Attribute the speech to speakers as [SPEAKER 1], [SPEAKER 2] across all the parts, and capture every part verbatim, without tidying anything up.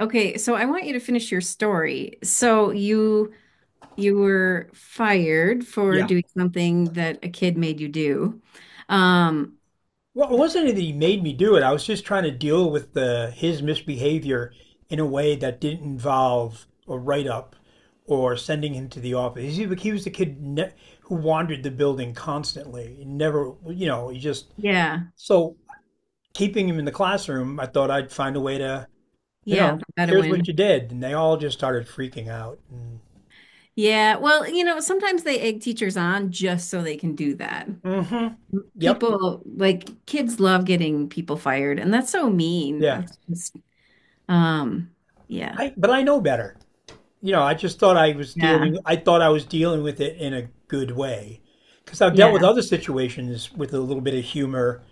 [SPEAKER 1] Okay, so I want you to finish your story. So you you were fired for
[SPEAKER 2] Yeah.
[SPEAKER 1] doing something that a kid made you do. Um,
[SPEAKER 2] Well, it wasn't that he made me do it. I was just trying to deal with the his misbehavior in a way that didn't involve a write up or sending him to the office. He, he was the kid ne- who wandered the building constantly. He never, you know, he just
[SPEAKER 1] yeah,
[SPEAKER 2] so keeping him in the classroom. I thought I'd find a way to, you
[SPEAKER 1] yeah,
[SPEAKER 2] know,
[SPEAKER 1] the
[SPEAKER 2] here's what
[SPEAKER 1] Bedouin.
[SPEAKER 2] you did, and they all just started freaking out. And,
[SPEAKER 1] Yeah, well, you know, sometimes they egg teachers on just so they can do that.
[SPEAKER 2] mm-hmm. Yep.
[SPEAKER 1] People like kids love getting people fired, and that's so mean.
[SPEAKER 2] Yeah.
[SPEAKER 1] That's just um, yeah,
[SPEAKER 2] I but I know better. You know, I just thought I was
[SPEAKER 1] yeah,
[SPEAKER 2] dealing, I thought I was dealing with it in a good way. Because I've dealt with
[SPEAKER 1] yeah,
[SPEAKER 2] other situations with a little bit of humor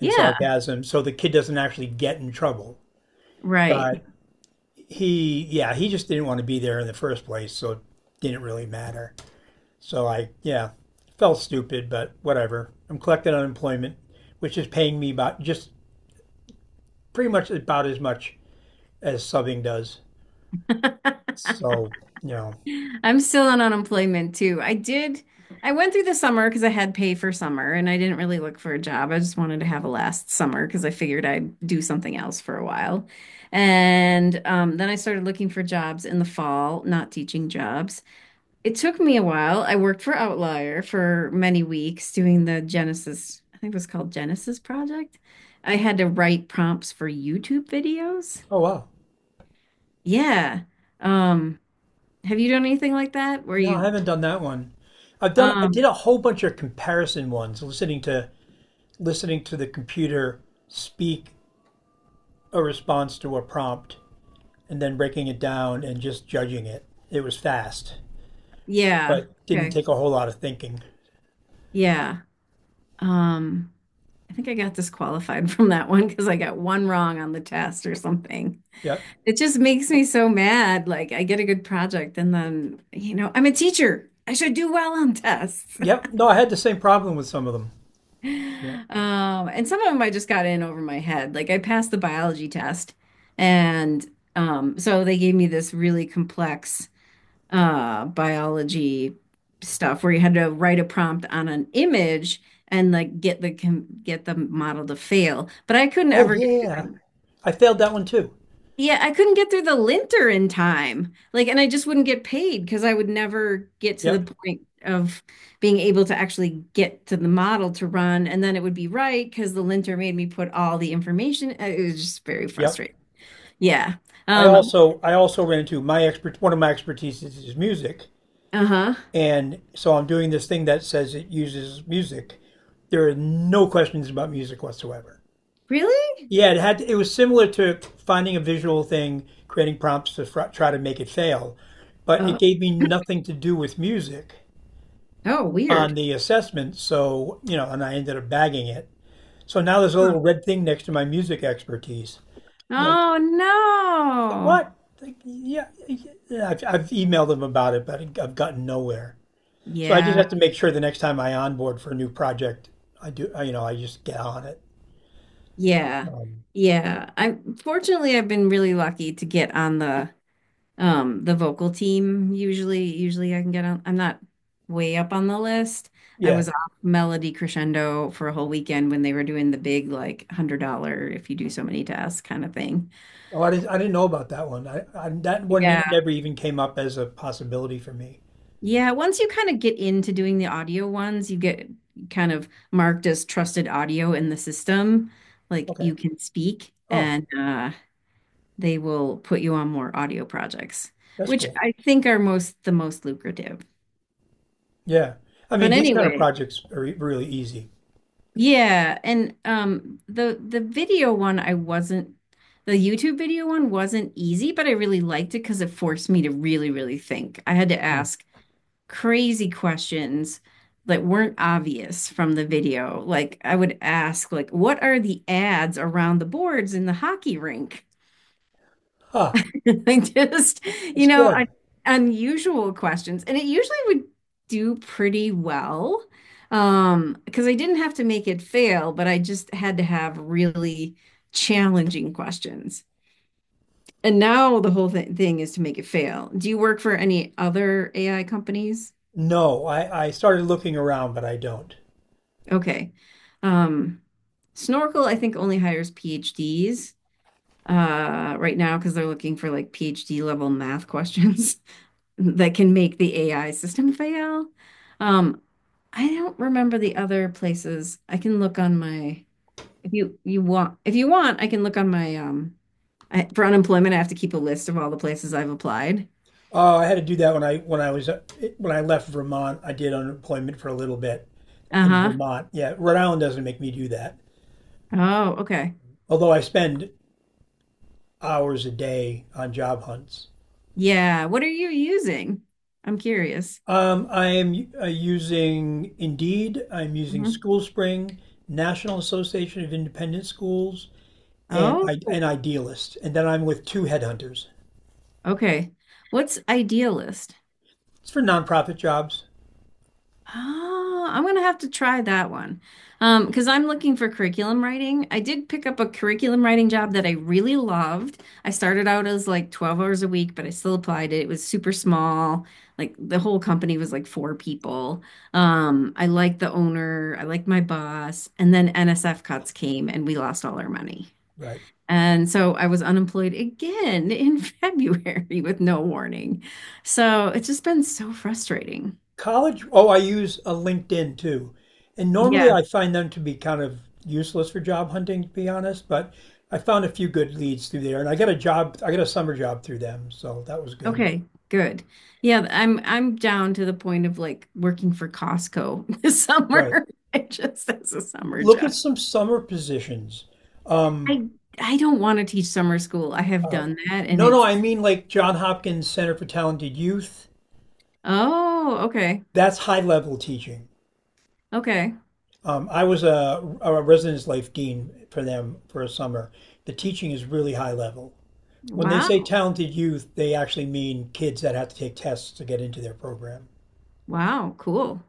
[SPEAKER 2] and sarcasm, so the kid doesn't actually get in trouble.
[SPEAKER 1] right.
[SPEAKER 2] But he, yeah, he just didn't want to be there in the first place, so it didn't really matter. So I, yeah, felt stupid, but whatever. I'm collecting unemployment, which is paying me about just pretty much about as much as subbing does. So, you know,
[SPEAKER 1] I'm still on unemployment too. I did, I went through the summer because I had pay for summer and I didn't really look for a job. I just wanted to have a last summer because I figured I'd do something else for a while. And um, then I started looking for jobs in the fall, not teaching jobs. It took me a while. I worked for Outlier for many weeks doing the Genesis, I think it was called Genesis Project. I had to write prompts for YouTube videos.
[SPEAKER 2] oh wow.
[SPEAKER 1] Yeah. Um, have you done anything like that where
[SPEAKER 2] No, I
[SPEAKER 1] you
[SPEAKER 2] haven't done that one. I've done I did
[SPEAKER 1] Um,
[SPEAKER 2] a whole bunch of comparison ones, listening to listening to the computer speak a response to a prompt and then breaking it down and just judging it. It was fast,
[SPEAKER 1] yeah.
[SPEAKER 2] but didn't
[SPEAKER 1] Okay.
[SPEAKER 2] take a whole lot of thinking.
[SPEAKER 1] Yeah. Um, I think I got disqualified from that one because I got one wrong on the test or something.
[SPEAKER 2] Yep.
[SPEAKER 1] It just makes me so mad. Like I get a good project and then, you know, I'm a teacher. I should do well on tests.
[SPEAKER 2] Yep. No, I had the same problem with some of them. Yep.
[SPEAKER 1] Um, and some of them I just got in over my head. Like I passed the biology test and um, so they gave me this really complex uh, biology stuff where you had to write a prompt on an image and like get the com- get the model to fail. But I couldn't
[SPEAKER 2] Oh
[SPEAKER 1] ever get
[SPEAKER 2] yeah.
[SPEAKER 1] through the
[SPEAKER 2] I failed that one too.
[SPEAKER 1] yeah, I couldn't get through the linter in time. Like, and I just wouldn't get paid because I would never get to the
[SPEAKER 2] Yep.
[SPEAKER 1] point of being able to actually get to the model to run, and then it would be right because the linter made me put all the information. uh, It was just very
[SPEAKER 2] Yep.
[SPEAKER 1] frustrating. Yeah.
[SPEAKER 2] I
[SPEAKER 1] Um,
[SPEAKER 2] also I also ran into my expert one of my expertise is is music.
[SPEAKER 1] uh-huh.
[SPEAKER 2] And so I'm doing this thing that says it uses music. There are no questions about music whatsoever.
[SPEAKER 1] Really?
[SPEAKER 2] Yeah, it had it was similar to finding a visual thing, creating prompts to fr- try to make it fail, but it
[SPEAKER 1] Oh,
[SPEAKER 2] gave me nothing to do with music
[SPEAKER 1] oh,
[SPEAKER 2] on
[SPEAKER 1] weird.
[SPEAKER 2] the assessment. So you know, and I ended up bagging it. So now there's a little red thing next to my music expertise. I'm like,
[SPEAKER 1] Oh
[SPEAKER 2] like
[SPEAKER 1] no.
[SPEAKER 2] what? Like, yeah, yeah, I've, I've emailed them about it, but I've gotten nowhere. So I just
[SPEAKER 1] Yeah.
[SPEAKER 2] have to make sure the next time I onboard for a new project, I do, I, you know, I just get on it.
[SPEAKER 1] Yeah.
[SPEAKER 2] Um,
[SPEAKER 1] Yeah. I fortunately I've been really lucky to get on the um the vocal team. Usually usually I can get on I'm not way up on the list. I
[SPEAKER 2] yeah.
[SPEAKER 1] was off Melody Crescendo for a whole weekend when they were doing the big like one hundred dollar if you do so many tasks kind of thing.
[SPEAKER 2] Oh, I didn't, I didn't know about that one. I, I that one
[SPEAKER 1] Yeah.
[SPEAKER 2] it never even came up as a possibility for me.
[SPEAKER 1] Yeah, once you kind of get into doing the audio ones, you get kind of marked as trusted audio in the system. Like
[SPEAKER 2] Okay.
[SPEAKER 1] you can speak
[SPEAKER 2] Oh,
[SPEAKER 1] and uh they will put you on more audio projects,
[SPEAKER 2] that's
[SPEAKER 1] which
[SPEAKER 2] cool.
[SPEAKER 1] I think are most the most lucrative.
[SPEAKER 2] Yeah. I mean,
[SPEAKER 1] But
[SPEAKER 2] these kind of
[SPEAKER 1] anyway,
[SPEAKER 2] projects are e- really easy.
[SPEAKER 1] yeah, and um the the video one I wasn't the YouTube video one wasn't easy, but I really liked it because it forced me to really, really think. I had to
[SPEAKER 2] Hmm.
[SPEAKER 1] ask crazy questions that weren't obvious from the video. Like I would ask like what are the ads around the boards in the hockey rink?
[SPEAKER 2] Huh.
[SPEAKER 1] Like just,
[SPEAKER 2] That's
[SPEAKER 1] you know,
[SPEAKER 2] good.
[SPEAKER 1] un- unusual questions. And it usually would do pretty well. Um, because I didn't have to make it fail, but I just had to have really challenging questions. And now the whole th thing is to make it fail. Do you work for any other A I companies?
[SPEAKER 2] No, I, I started looking around, but I don't.
[SPEAKER 1] Okay. Um, Snorkel, I think, only hires P H Ds. Uh, right now because they're looking for like P H D level math questions that can make the A I system fail. Um, I don't remember the other places. I can look on my if you you want if you want I can look on my um I, for unemployment I have to keep a list of all the places I've applied.
[SPEAKER 2] Oh, I had to do that when I when I was uh, when I left Vermont. I did unemployment for a little bit in
[SPEAKER 1] Uh-huh.
[SPEAKER 2] Vermont. Yeah, Rhode Island doesn't make me do that.
[SPEAKER 1] Oh, okay.
[SPEAKER 2] Although I spend hours a day on job hunts.
[SPEAKER 1] Yeah. What are you using? I'm curious.
[SPEAKER 2] Um, I am uh, using Indeed, I'm using
[SPEAKER 1] Mhm.
[SPEAKER 2] SchoolSpring, National Association of Independent Schools, and I,
[SPEAKER 1] Oh,
[SPEAKER 2] and Idealist. And then I'm with two headhunters.
[SPEAKER 1] okay. What's idealist?
[SPEAKER 2] It's for nonprofit jobs.
[SPEAKER 1] Oh, I'm gonna have to try that one. Um, because I'm looking for curriculum writing. I did pick up a curriculum writing job that I really loved. I started out as like twelve hours a week, but I still applied it. It was super small. Like the whole company was like four people. Um, I liked the owner, I liked my boss, and then N S F cuts came and we lost all our money.
[SPEAKER 2] Right.
[SPEAKER 1] And so I was unemployed again in February with no warning. So it's just been so frustrating.
[SPEAKER 2] College, oh, I use a LinkedIn too. And normally
[SPEAKER 1] Yeah.
[SPEAKER 2] I find them to be kind of useless for job hunting, to be honest, but I found a few good leads through there. And I got a job, I got a summer job through them. So that was good.
[SPEAKER 1] Okay, good. Yeah, I'm I'm down to the point of like working for Costco this
[SPEAKER 2] Right.
[SPEAKER 1] summer. It just as a summer
[SPEAKER 2] Look at
[SPEAKER 1] job.
[SPEAKER 2] some summer positions. Um,
[SPEAKER 1] I I don't want to teach summer school. I have
[SPEAKER 2] uh,
[SPEAKER 1] done that and
[SPEAKER 2] no, no,
[SPEAKER 1] it's
[SPEAKER 2] I mean like John Hopkins Center for Talented Youth.
[SPEAKER 1] oh, okay.
[SPEAKER 2] That's high level teaching.
[SPEAKER 1] Okay.
[SPEAKER 2] Um, I was a, a residence life dean for them for a summer. The teaching is really high level. When they
[SPEAKER 1] Wow.
[SPEAKER 2] say talented youth, they actually mean kids that have to take tests to get into their program.
[SPEAKER 1] Wow, cool.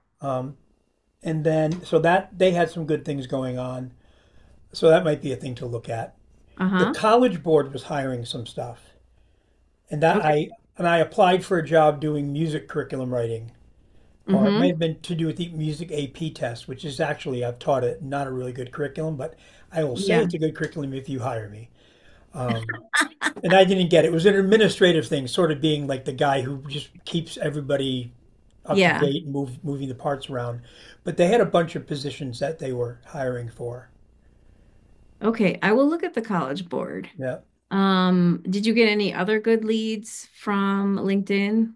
[SPEAKER 2] And then, so that they had some good things going on. So that might be a thing to look at. The
[SPEAKER 1] Uh-huh.
[SPEAKER 2] College Board was hiring some stuff. and that
[SPEAKER 1] Okay.
[SPEAKER 2] I and I applied for a job doing music curriculum writing, or it may have
[SPEAKER 1] Mm-hmm.
[SPEAKER 2] been to do with the music A P test, which is actually I've taught it, not a really good curriculum, but I will say
[SPEAKER 1] Yeah.
[SPEAKER 2] it's a good curriculum if you hire me. And I didn't get it. It was an administrative thing, sort of being like the guy who just keeps everybody up to
[SPEAKER 1] Yeah.
[SPEAKER 2] date, move moving the parts around. But they had a bunch of positions that they were hiring for.
[SPEAKER 1] Okay. I will look at the College Board.
[SPEAKER 2] Yeah.
[SPEAKER 1] Um, did you get any other good leads from LinkedIn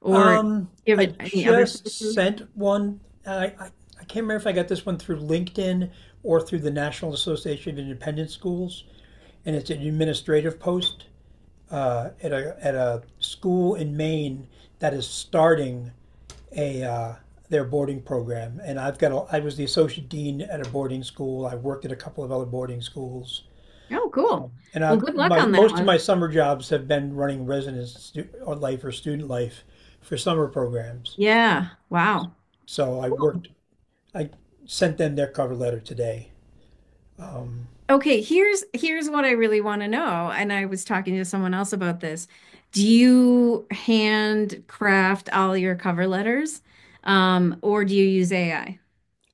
[SPEAKER 1] or
[SPEAKER 2] Um,
[SPEAKER 1] give
[SPEAKER 2] I
[SPEAKER 1] it any other
[SPEAKER 2] just
[SPEAKER 1] sources?
[SPEAKER 2] sent one. I, I, I can't remember if I got this one through LinkedIn or through the National Association of Independent Schools, and it's an administrative post uh, at a at a school in Maine that is starting a uh, their boarding program. And I've got a, I was the associate dean at a boarding school. I worked at a couple of other boarding schools,
[SPEAKER 1] Oh, cool.
[SPEAKER 2] and I
[SPEAKER 1] Well, good luck
[SPEAKER 2] my
[SPEAKER 1] on that
[SPEAKER 2] most of
[SPEAKER 1] one.
[SPEAKER 2] my summer jobs have been running residence stu- or life or student life for summer programs.
[SPEAKER 1] Yeah. Wow.
[SPEAKER 2] So I
[SPEAKER 1] Cool.
[SPEAKER 2] worked I sent them their cover letter today. Um,
[SPEAKER 1] Okay, here's here's what I really want to know, and I was talking to someone else about this. Do you handcraft all your cover letters, um, or do you use A I?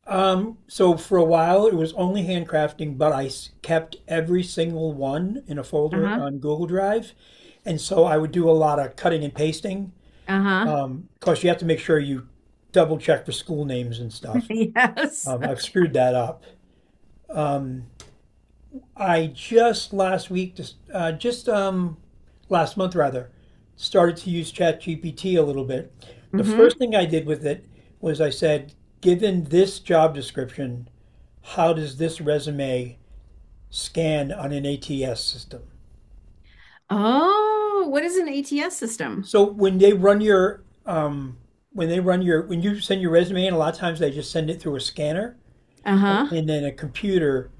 [SPEAKER 2] um, so for a while it was only handcrafting, but I kept every single one in a folder
[SPEAKER 1] Uh-huh.
[SPEAKER 2] on Google Drive, and so I would do a lot of cutting and pasting.
[SPEAKER 1] Uh-huh.
[SPEAKER 2] Because you have to make sure you double check for school names and stuff.
[SPEAKER 1] Yes.
[SPEAKER 2] Um, I've screwed that up. I just last week, just uh, just um, last month rather, started to use ChatGPT a little bit. The first
[SPEAKER 1] Mm-hmm.
[SPEAKER 2] thing I did with it was I said, given this job description, how does this resume scan on an A T S system?
[SPEAKER 1] Oh, what is an A T S system?
[SPEAKER 2] So when they run your um, when they run your when you send your resume in, a lot of times they just send it through a scanner, and,
[SPEAKER 1] Uh-huh.
[SPEAKER 2] and then a computer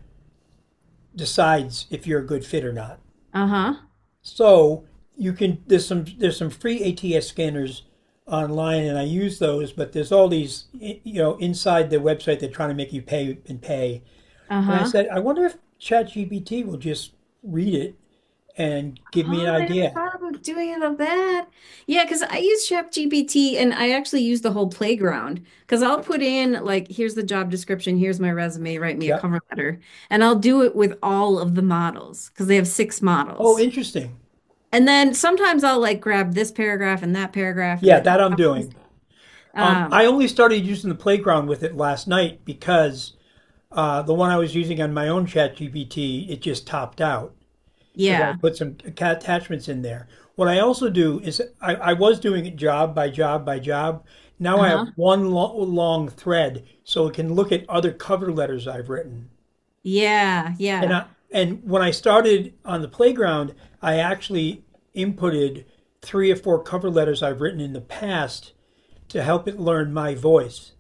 [SPEAKER 2] decides if you're a good fit or not.
[SPEAKER 1] Uh-huh.
[SPEAKER 2] So you can there's some there's some free A T S scanners online, and I use those. But there's all these you know inside the website they're trying to make you pay and pay. And I
[SPEAKER 1] Uh-huh.
[SPEAKER 2] said, I wonder if ChatGPT will just read it and give me
[SPEAKER 1] Oh,
[SPEAKER 2] an
[SPEAKER 1] I never
[SPEAKER 2] idea.
[SPEAKER 1] thought about doing it of that. Yeah, because I use ChatGPT and I actually use the whole playground because I'll put in like, here's the job description, here's my resume, write me a
[SPEAKER 2] Yeah.
[SPEAKER 1] cover letter, and I'll do it with all of the models because they have six
[SPEAKER 2] Oh,
[SPEAKER 1] models.
[SPEAKER 2] interesting.
[SPEAKER 1] And then sometimes I'll like grab this paragraph and that paragraph and
[SPEAKER 2] Yeah,
[SPEAKER 1] the,
[SPEAKER 2] that I'm doing. Um,
[SPEAKER 1] um,
[SPEAKER 2] I only started using the playground with it last night because uh, the one I was using on my own chat G P T, it just topped out because I
[SPEAKER 1] yeah,
[SPEAKER 2] put some ca- attachments in there. What I also do is I, I was doing it job by job by job. Now I have
[SPEAKER 1] uh-huh,
[SPEAKER 2] one lo long thread so it can look at other cover letters I've written.
[SPEAKER 1] yeah,
[SPEAKER 2] And
[SPEAKER 1] yeah.
[SPEAKER 2] I, and when I started on the playground, I actually inputted three or four cover letters I've written in the past to help it learn my voice.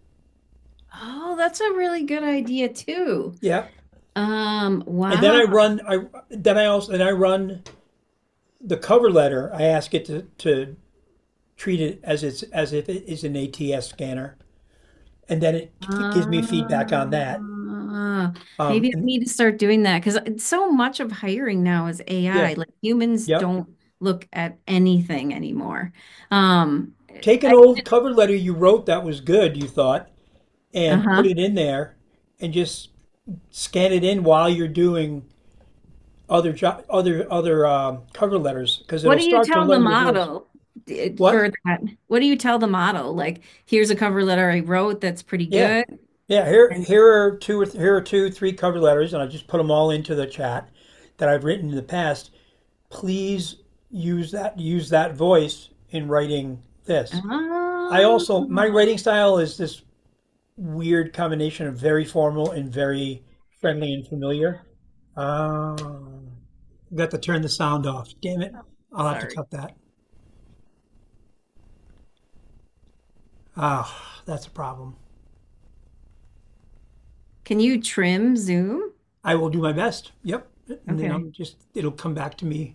[SPEAKER 1] Oh, that's a really good idea too.
[SPEAKER 2] Yeah.
[SPEAKER 1] Um,
[SPEAKER 2] And then
[SPEAKER 1] wow.
[SPEAKER 2] I run I then I also then I run the cover letter. I ask it to, to treat it as it's as if it is an A T S scanner. And then it gives me feedback on that.
[SPEAKER 1] Ah,
[SPEAKER 2] Um
[SPEAKER 1] maybe I
[SPEAKER 2] and
[SPEAKER 1] need to start doing that because so much of hiring now is
[SPEAKER 2] yeah.
[SPEAKER 1] A I. Like humans
[SPEAKER 2] Yep.
[SPEAKER 1] don't look at anything anymore. Um,
[SPEAKER 2] Take an
[SPEAKER 1] I,
[SPEAKER 2] old cover letter you wrote that was good, you thought, and put
[SPEAKER 1] uh-huh.
[SPEAKER 2] it in there and just scan it in while you're doing other job, other other um, cover letters because
[SPEAKER 1] What
[SPEAKER 2] it'll
[SPEAKER 1] do you
[SPEAKER 2] start to
[SPEAKER 1] tell the
[SPEAKER 2] learn your voice.
[SPEAKER 1] model d-
[SPEAKER 2] What?
[SPEAKER 1] for that? What do you tell the model? Like, here's a cover letter I wrote that's pretty
[SPEAKER 2] Yeah,
[SPEAKER 1] good.
[SPEAKER 2] yeah. Here,
[SPEAKER 1] And
[SPEAKER 2] here are two or th- here are two, three cover letters, and I just put them all into the chat that I've written in the past. Please use that use that voice in writing this. I also my
[SPEAKER 1] oh,
[SPEAKER 2] writing style is this weird combination of very formal and very friendly and familiar. Uh, got to turn the sound off. Damn it! I'll have to
[SPEAKER 1] sorry.
[SPEAKER 2] cut that. Ah, that's a problem.
[SPEAKER 1] Can you trim Zoom?
[SPEAKER 2] I will do my best. Yep. And then
[SPEAKER 1] Okay.
[SPEAKER 2] I'm just, it'll come back to me.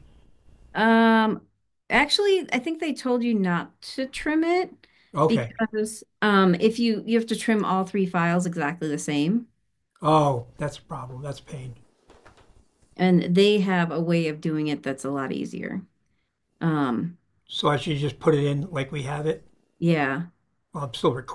[SPEAKER 1] Um, actually, I think they told you not to trim it
[SPEAKER 2] Okay.
[SPEAKER 1] because um, if you you have to trim all three files exactly the same,
[SPEAKER 2] Oh, that's a problem. That's pain.
[SPEAKER 1] and they have a way of doing it that's a lot easier. Um,
[SPEAKER 2] So I should just put it in like we have it.
[SPEAKER 1] yeah.
[SPEAKER 2] Well, I'm still recording.